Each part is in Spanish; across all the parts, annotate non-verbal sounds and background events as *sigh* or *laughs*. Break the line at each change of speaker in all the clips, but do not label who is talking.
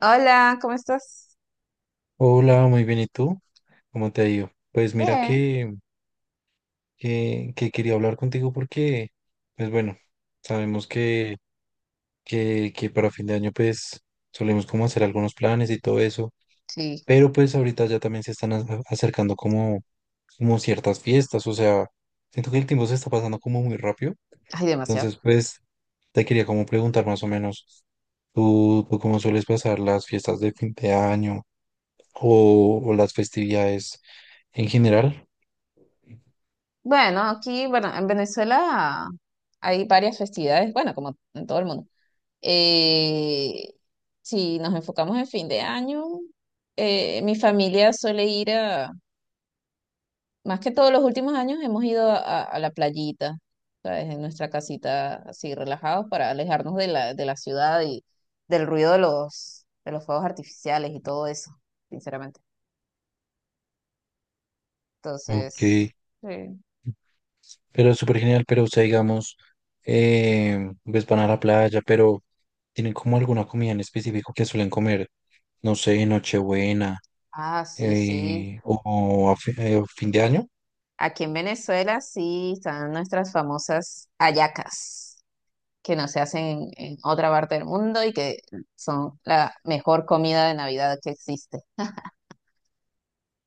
Hola, ¿cómo estás?
Hola, muy bien. ¿Y tú? ¿Cómo te ha ido? Pues mira
Bien.
que quería hablar contigo porque, pues bueno, sabemos que para fin de año pues solemos como hacer algunos planes y todo eso,
Sí,
pero pues ahorita ya también se están acercando como ciertas fiestas, o sea, siento que el tiempo se está pasando como muy rápido,
hay demasiado.
entonces pues te quería como preguntar más o menos, ¿tú cómo sueles pasar las fiestas de fin de año o las festividades en general?
Bueno, aquí, bueno, en Venezuela hay varias festividades, bueno, como en todo el mundo. Eh, si nos enfocamos en fin de año, mi familia suele ir a, más que todos los últimos años, hemos ido a la playita, ¿sabes? En nuestra casita, así relajados, para alejarnos de de la ciudad y del ruido de de los fuegos artificiales y todo eso, sinceramente.
Ok,
Entonces... Sí.
pero es súper genial, pero o sea, digamos, pues van a la playa, pero ¿tienen como alguna comida en específico que suelen comer? No sé, Nochebuena,
Ah, sí, sí.
o a fin de año.
Aquí en Venezuela sí están nuestras famosas hallacas, que no se hacen en otra parte del mundo y que son la mejor comida de Navidad que existe.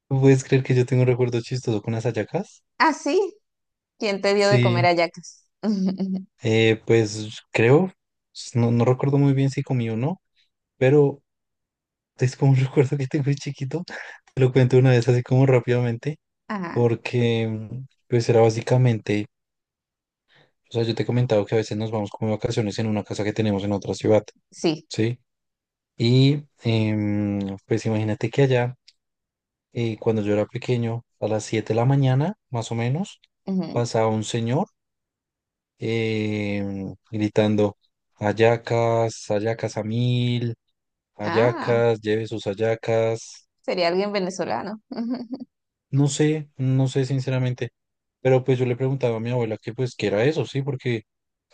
¿Tú ¿Puedes creer que yo tengo un recuerdo chistoso con las hallacas?
Ah, sí. ¿Quién te dio de
Sí,
comer hallacas? *laughs*
pues creo, no, no recuerdo muy bien si comí o no, pero es como un *laughs* recuerdo que tengo de chiquito. Te lo cuento una vez así como rápidamente,
Ajá,
porque pues era básicamente... O sea, yo te he comentado que a veces nos vamos como de vacaciones en una casa que tenemos en otra ciudad,
sí.
¿sí? Y pues imagínate que allá, cuando yo era pequeño, a las 7 de la mañana, más o menos,
Ujú.
pasaba un señor gritando, hallacas, hallacas a mil,
Ah,
hallacas, lleve sus hallacas.
sería alguien venezolano. *laughs*
No sé, no sé sinceramente, pero pues yo le preguntaba a mi abuela que pues qué era eso, sí, porque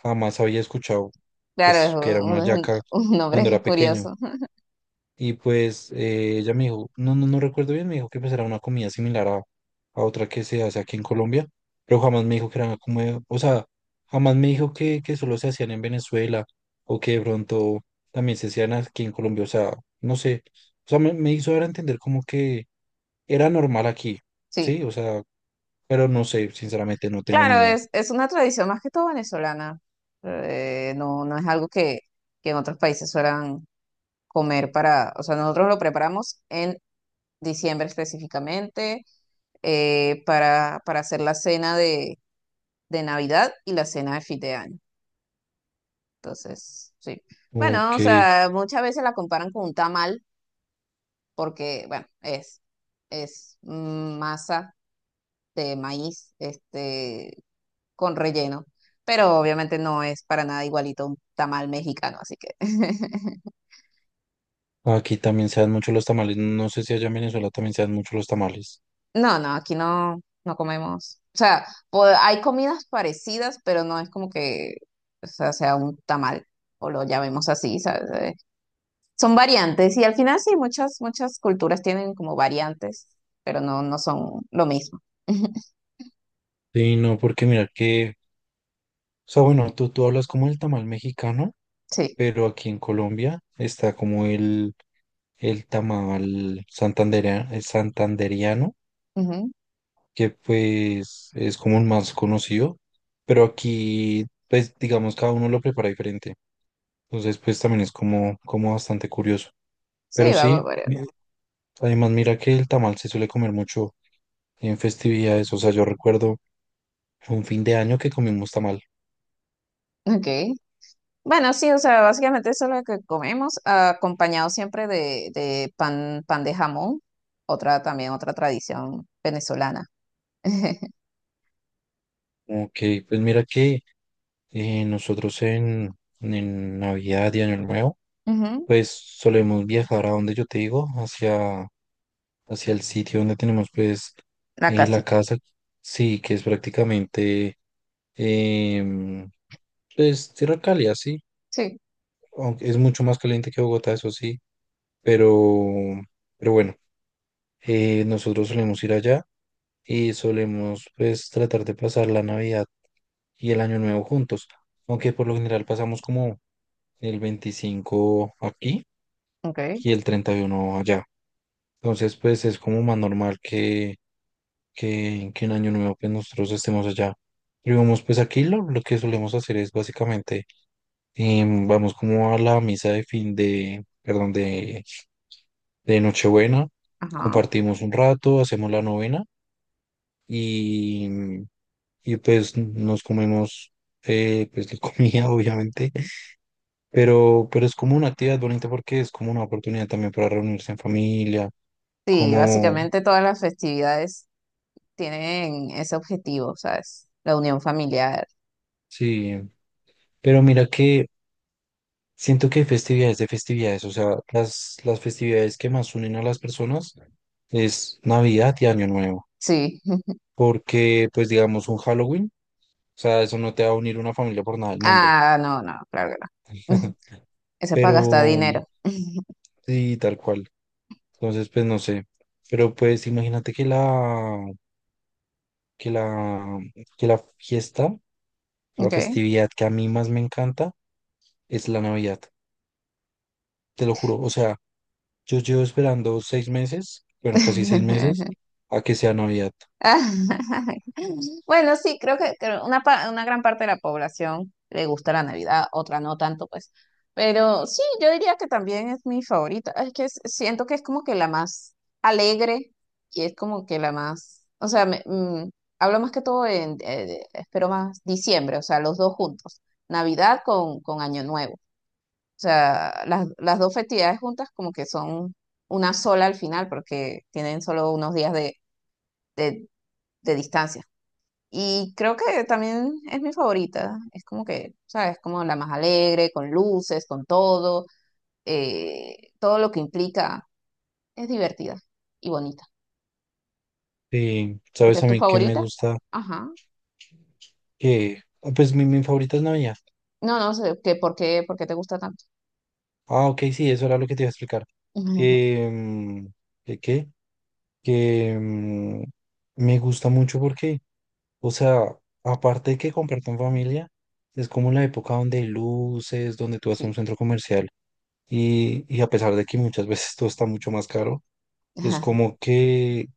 jamás había escuchado
Claro,
pues que
es
era una yaca
un nombre
cuando era pequeño.
curioso. *laughs*
Y pues ella me dijo, no, no, no recuerdo bien, me dijo que pues era una comida similar a otra que se hace aquí en Colombia, pero jamás me dijo que era como, o sea, jamás me dijo que solo se hacían en Venezuela o que de pronto también se hacían aquí en Colombia, o sea, no sé, o sea, me hizo dar a entender como que era normal aquí,
Sí.
sí, o sea, pero no sé, sinceramente no tengo ni
Claro,
idea.
es una tradición más que todo venezolana. No, no es algo que en otros países suelan comer para, o sea, nosotros lo preparamos en diciembre específicamente para hacer la cena de Navidad y la cena de fin de año. Entonces, sí. Bueno,
Ok,
o sea, muchas veces la comparan con un tamal porque, bueno, es masa de maíz, este, con relleno, pero obviamente no es para nada igualito a un tamal mexicano, así que. *laughs*
aquí también se dan mucho los tamales. No sé si allá en Venezuela también se dan mucho los tamales.
No, no, aquí no, no comemos. O sea, po- hay comidas parecidas, pero no es como que, o sea, sea un tamal o lo llamemos así, ¿sabes? Son variantes y al final sí, muchas, muchas culturas tienen como variantes, pero no, no son lo mismo. *laughs*
Sí, no, porque mira que, o sea, bueno, tú hablas como el tamal mexicano,
Sí,
pero aquí en Colombia está como el tamal el santanderiano,
ujú.
que pues es como el más conocido, pero aquí, pues digamos, cada uno lo prepara diferente. Entonces, pues también es como, como bastante curioso.
Sí,
Pero
va
sí,
variando.
además, mira que el tamal se suele comer mucho en festividades. O sea, yo recuerdo un fin de año que comimos tamal.
Okay. Bueno, sí, o sea, básicamente eso es lo que comemos, acompañado siempre de pan, pan de jamón, otra también, otra tradición venezolana. *laughs*
Ok, pues mira que nosotros en Navidad y Año Nuevo,
Ujú.
pues solemos viajar a donde yo te digo, hacia, hacia el sitio donde tenemos pues
La
la
casita.
casa, sí, que es prácticamente em, pues tierra cálida, sí,
Sí,
aunque es mucho más caliente que Bogotá, eso sí, pero, pero bueno, nosotros solemos ir allá y solemos pues tratar de pasar la Navidad y el Año Nuevo juntos, aunque por lo general pasamos como el 25 aquí
ok,
y el 31 allá. Entonces pues es como más normal que, que en Año Nuevo pues nosotros estemos allá. Y vamos pues aquí lo que solemos hacer es básicamente, vamos como a la misa de fin de, perdón, de Nochebuena,
ajá.
compartimos un rato, hacemos la novena y, y pues nos comemos, pues la comida, *laughs* obviamente, pero es como una actividad bonita porque es como una oportunidad también para reunirse en familia,
Sí,
como,
básicamente todas las festividades tienen ese objetivo, ¿sabes? La unión familiar.
sí, pero mira que siento que hay festividades de festividades, o sea, las festividades que más unen a las personas es Navidad y Año Nuevo,
Sí. *laughs*
porque pues digamos un Halloween, o sea, eso no te va a unir una familia por nada del mundo,
Ah, no, no, claro que no. *laughs*
*laughs*
Eso es para
pero
gastar dinero.
sí, tal cual, entonces pues no sé, pero pues imagínate que que la, que la fiesta, la
Ok.
festividad que a mí más me encanta es la Navidad, te lo juro. O sea, yo llevo esperando 6 meses, bueno, casi 6 meses,
*laughs*
a que sea Navidad.
Ah, *laughs* bueno, sí, creo que una, pa- una gran parte de la población le gusta la Navidad, otra no tanto, pues. Pero sí, yo diría que también es mi favorita. Es que es- siento que es como que la más alegre y es como que la más, o sea, me- hablo más que todo en, de- espero más, diciembre, o sea, los dos juntos, Navidad con Año Nuevo. O sea, las dos festividades juntas como que son una sola al final porque tienen solo unos días de de distancia. Y creo que también es mi favorita. Es como que, ¿sabes? Como la más alegre, con luces, con todo. Todo lo que implica es divertida y bonita.
Sí,
Porque
sabes
es
a
tu
mí que me
favorita.
gusta
Ajá.
que, ah, pues mi favorita es Navidad.
No, no sé, que por qué te gusta tanto?
Ah, ok, sí, eso era lo que te iba a explicar.
*laughs*
Que, mm, que, qué? Que, mm, me gusta mucho porque, o sea, aparte de que compartan familia, es como la época donde hay luces, donde tú vas a
Sí.
un centro comercial y a pesar de que muchas veces *laughs* todo está mucho más caro, es
*laughs*
como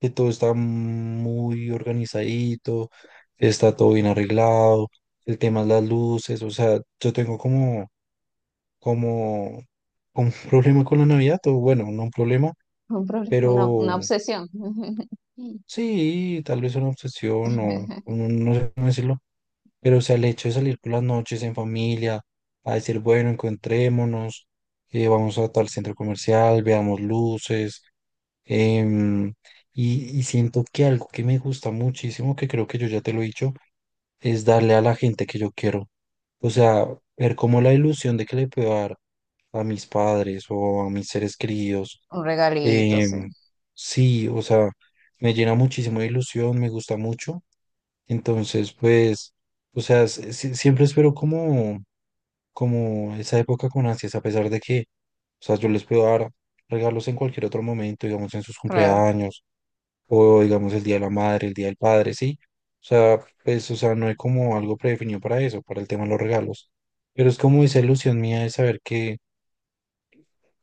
que todo está muy organizadito, está todo bien arreglado, el tema es las luces, o sea, yo tengo como, como, como un problema con la Navidad, o bueno, no un problema,
Un problema,
pero
una obsesión. *laughs*
sí, tal vez una obsesión o no sé cómo decirlo. Pero, o sea, el hecho de salir por las noches en familia, a decir, bueno, encontrémonos, vamos a tal centro comercial, veamos luces, em, y siento que algo que me gusta muchísimo, que creo que yo ya te lo he dicho, es darle a la gente que yo quiero. O sea, ver como la ilusión de que le puedo dar a mis padres o a mis seres queridos.
Un regalito, sí.
Em, sí, o sea, me llena muchísimo de ilusión, me gusta mucho. Entonces, pues, o sea, siempre espero como, esa época con ansias, a pesar de que, o sea, yo les puedo dar regalos en cualquier otro momento, digamos, en sus
Claro.
cumpleaños, o digamos, el Día de la Madre, el Día del Padre, sí. O sea, pues, o sea, no hay como algo predefinido para eso, para el tema de los regalos. Pero es como esa ilusión mía de saber que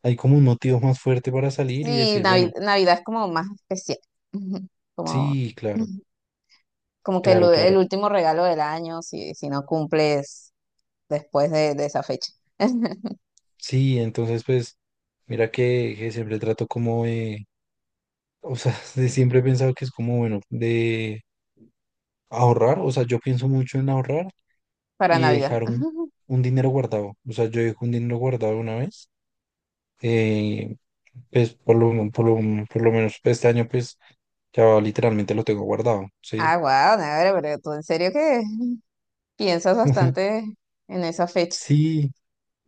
hay como un motivo más fuerte para salir y
Sí,
decir,
Navi-
bueno.
Navidad es como más especial. *laughs* Como.
Sí, claro,
*laughs* Como que el, u-
claro,
el
claro.
último regalo del año, si, si no cumples después de esa fecha. *laughs*
Sí, entonces pues mira que siempre trato como de, o sea, *laughs* de siempre he pensado que es como bueno, de ahorrar, o sea, yo pienso mucho en ahorrar
Para
y
Navidad.
dejar un,
*laughs*
un dinero guardado. O sea, yo dejo un dinero guardado una vez, eh, pues por lo menos este año pues ya literalmente lo tengo guardado, ¿sí?
Ah, wow, Navidad, pero tú en serio que piensas
*laughs*
bastante en esa fecha.
Sí,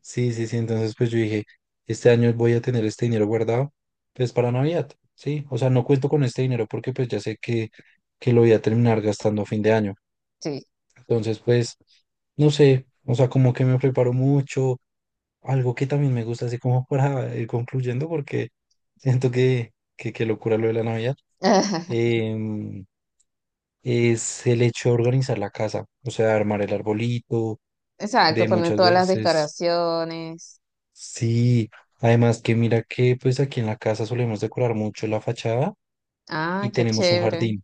sí, sí, sí. Entonces, pues yo dije, este año voy a tener este dinero guardado, pues para Navidad, ¿sí? O sea, no cuento con este dinero porque pues ya sé que lo voy a terminar gastando a fin de año.
Sí.
Entonces, pues, no sé, o sea, como que me preparo mucho, algo que también me gusta, así como *laughs* para ir concluyendo, porque siento que, que locura lo de la Navidad,
*laughs*
em, es el hecho de organizar la casa, o sea, armar el arbolito,
Exacto,
de
ponen
muchas
todas las
veces
decoraciones.
sí, además que mira que pues aquí en la casa solemos decorar mucho la fachada
Ah,
y
qué
tenemos un
chévere.
jardín.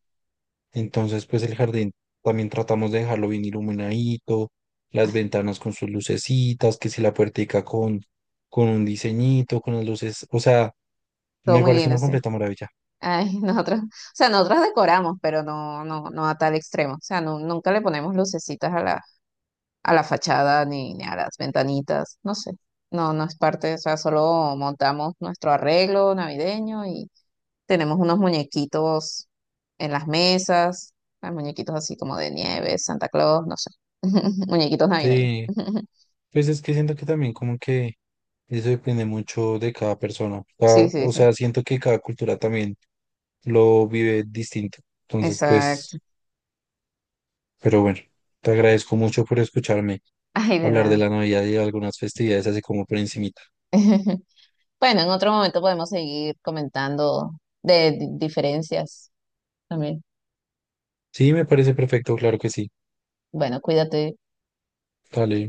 Entonces pues el jardín también tratamos de dejarlo bien iluminadito, las ventanas con sus lucecitas, que si la puertica con un diseñito, con las luces, o sea,
Todo
me
muy
parece
lindo,
una
sí.
completa maravilla.
Ay, *laughs* nosotros, o sea, nosotros decoramos, pero no, no, no a tal extremo. O sea, no- nunca le ponemos lucecitas a la fachada ni, ni a las ventanitas, no sé. No, no es parte, o sea, solo montamos nuestro arreglo navideño y tenemos unos muñequitos en las mesas, hay muñequitos así como de nieve, Santa Claus, no sé, *laughs* muñequitos navideños.
Sí,
*laughs*
pues es que siento que también como que eso depende mucho de cada persona.
Sí, sí,
O
sí,
sea, siento que cada cultura también lo vive distinto. Entonces
exacto.
pues... Pero bueno, te agradezco mucho por escucharme
*laughs* Ay, de
hablar de
nada.
la Navidad y de algunas festividades así como por encimita.
*laughs* Bueno, en otro momento podemos seguir comentando de di- diferencias también.
Sí, me parece perfecto, claro que sí.
Bueno, cuídate.
Dale.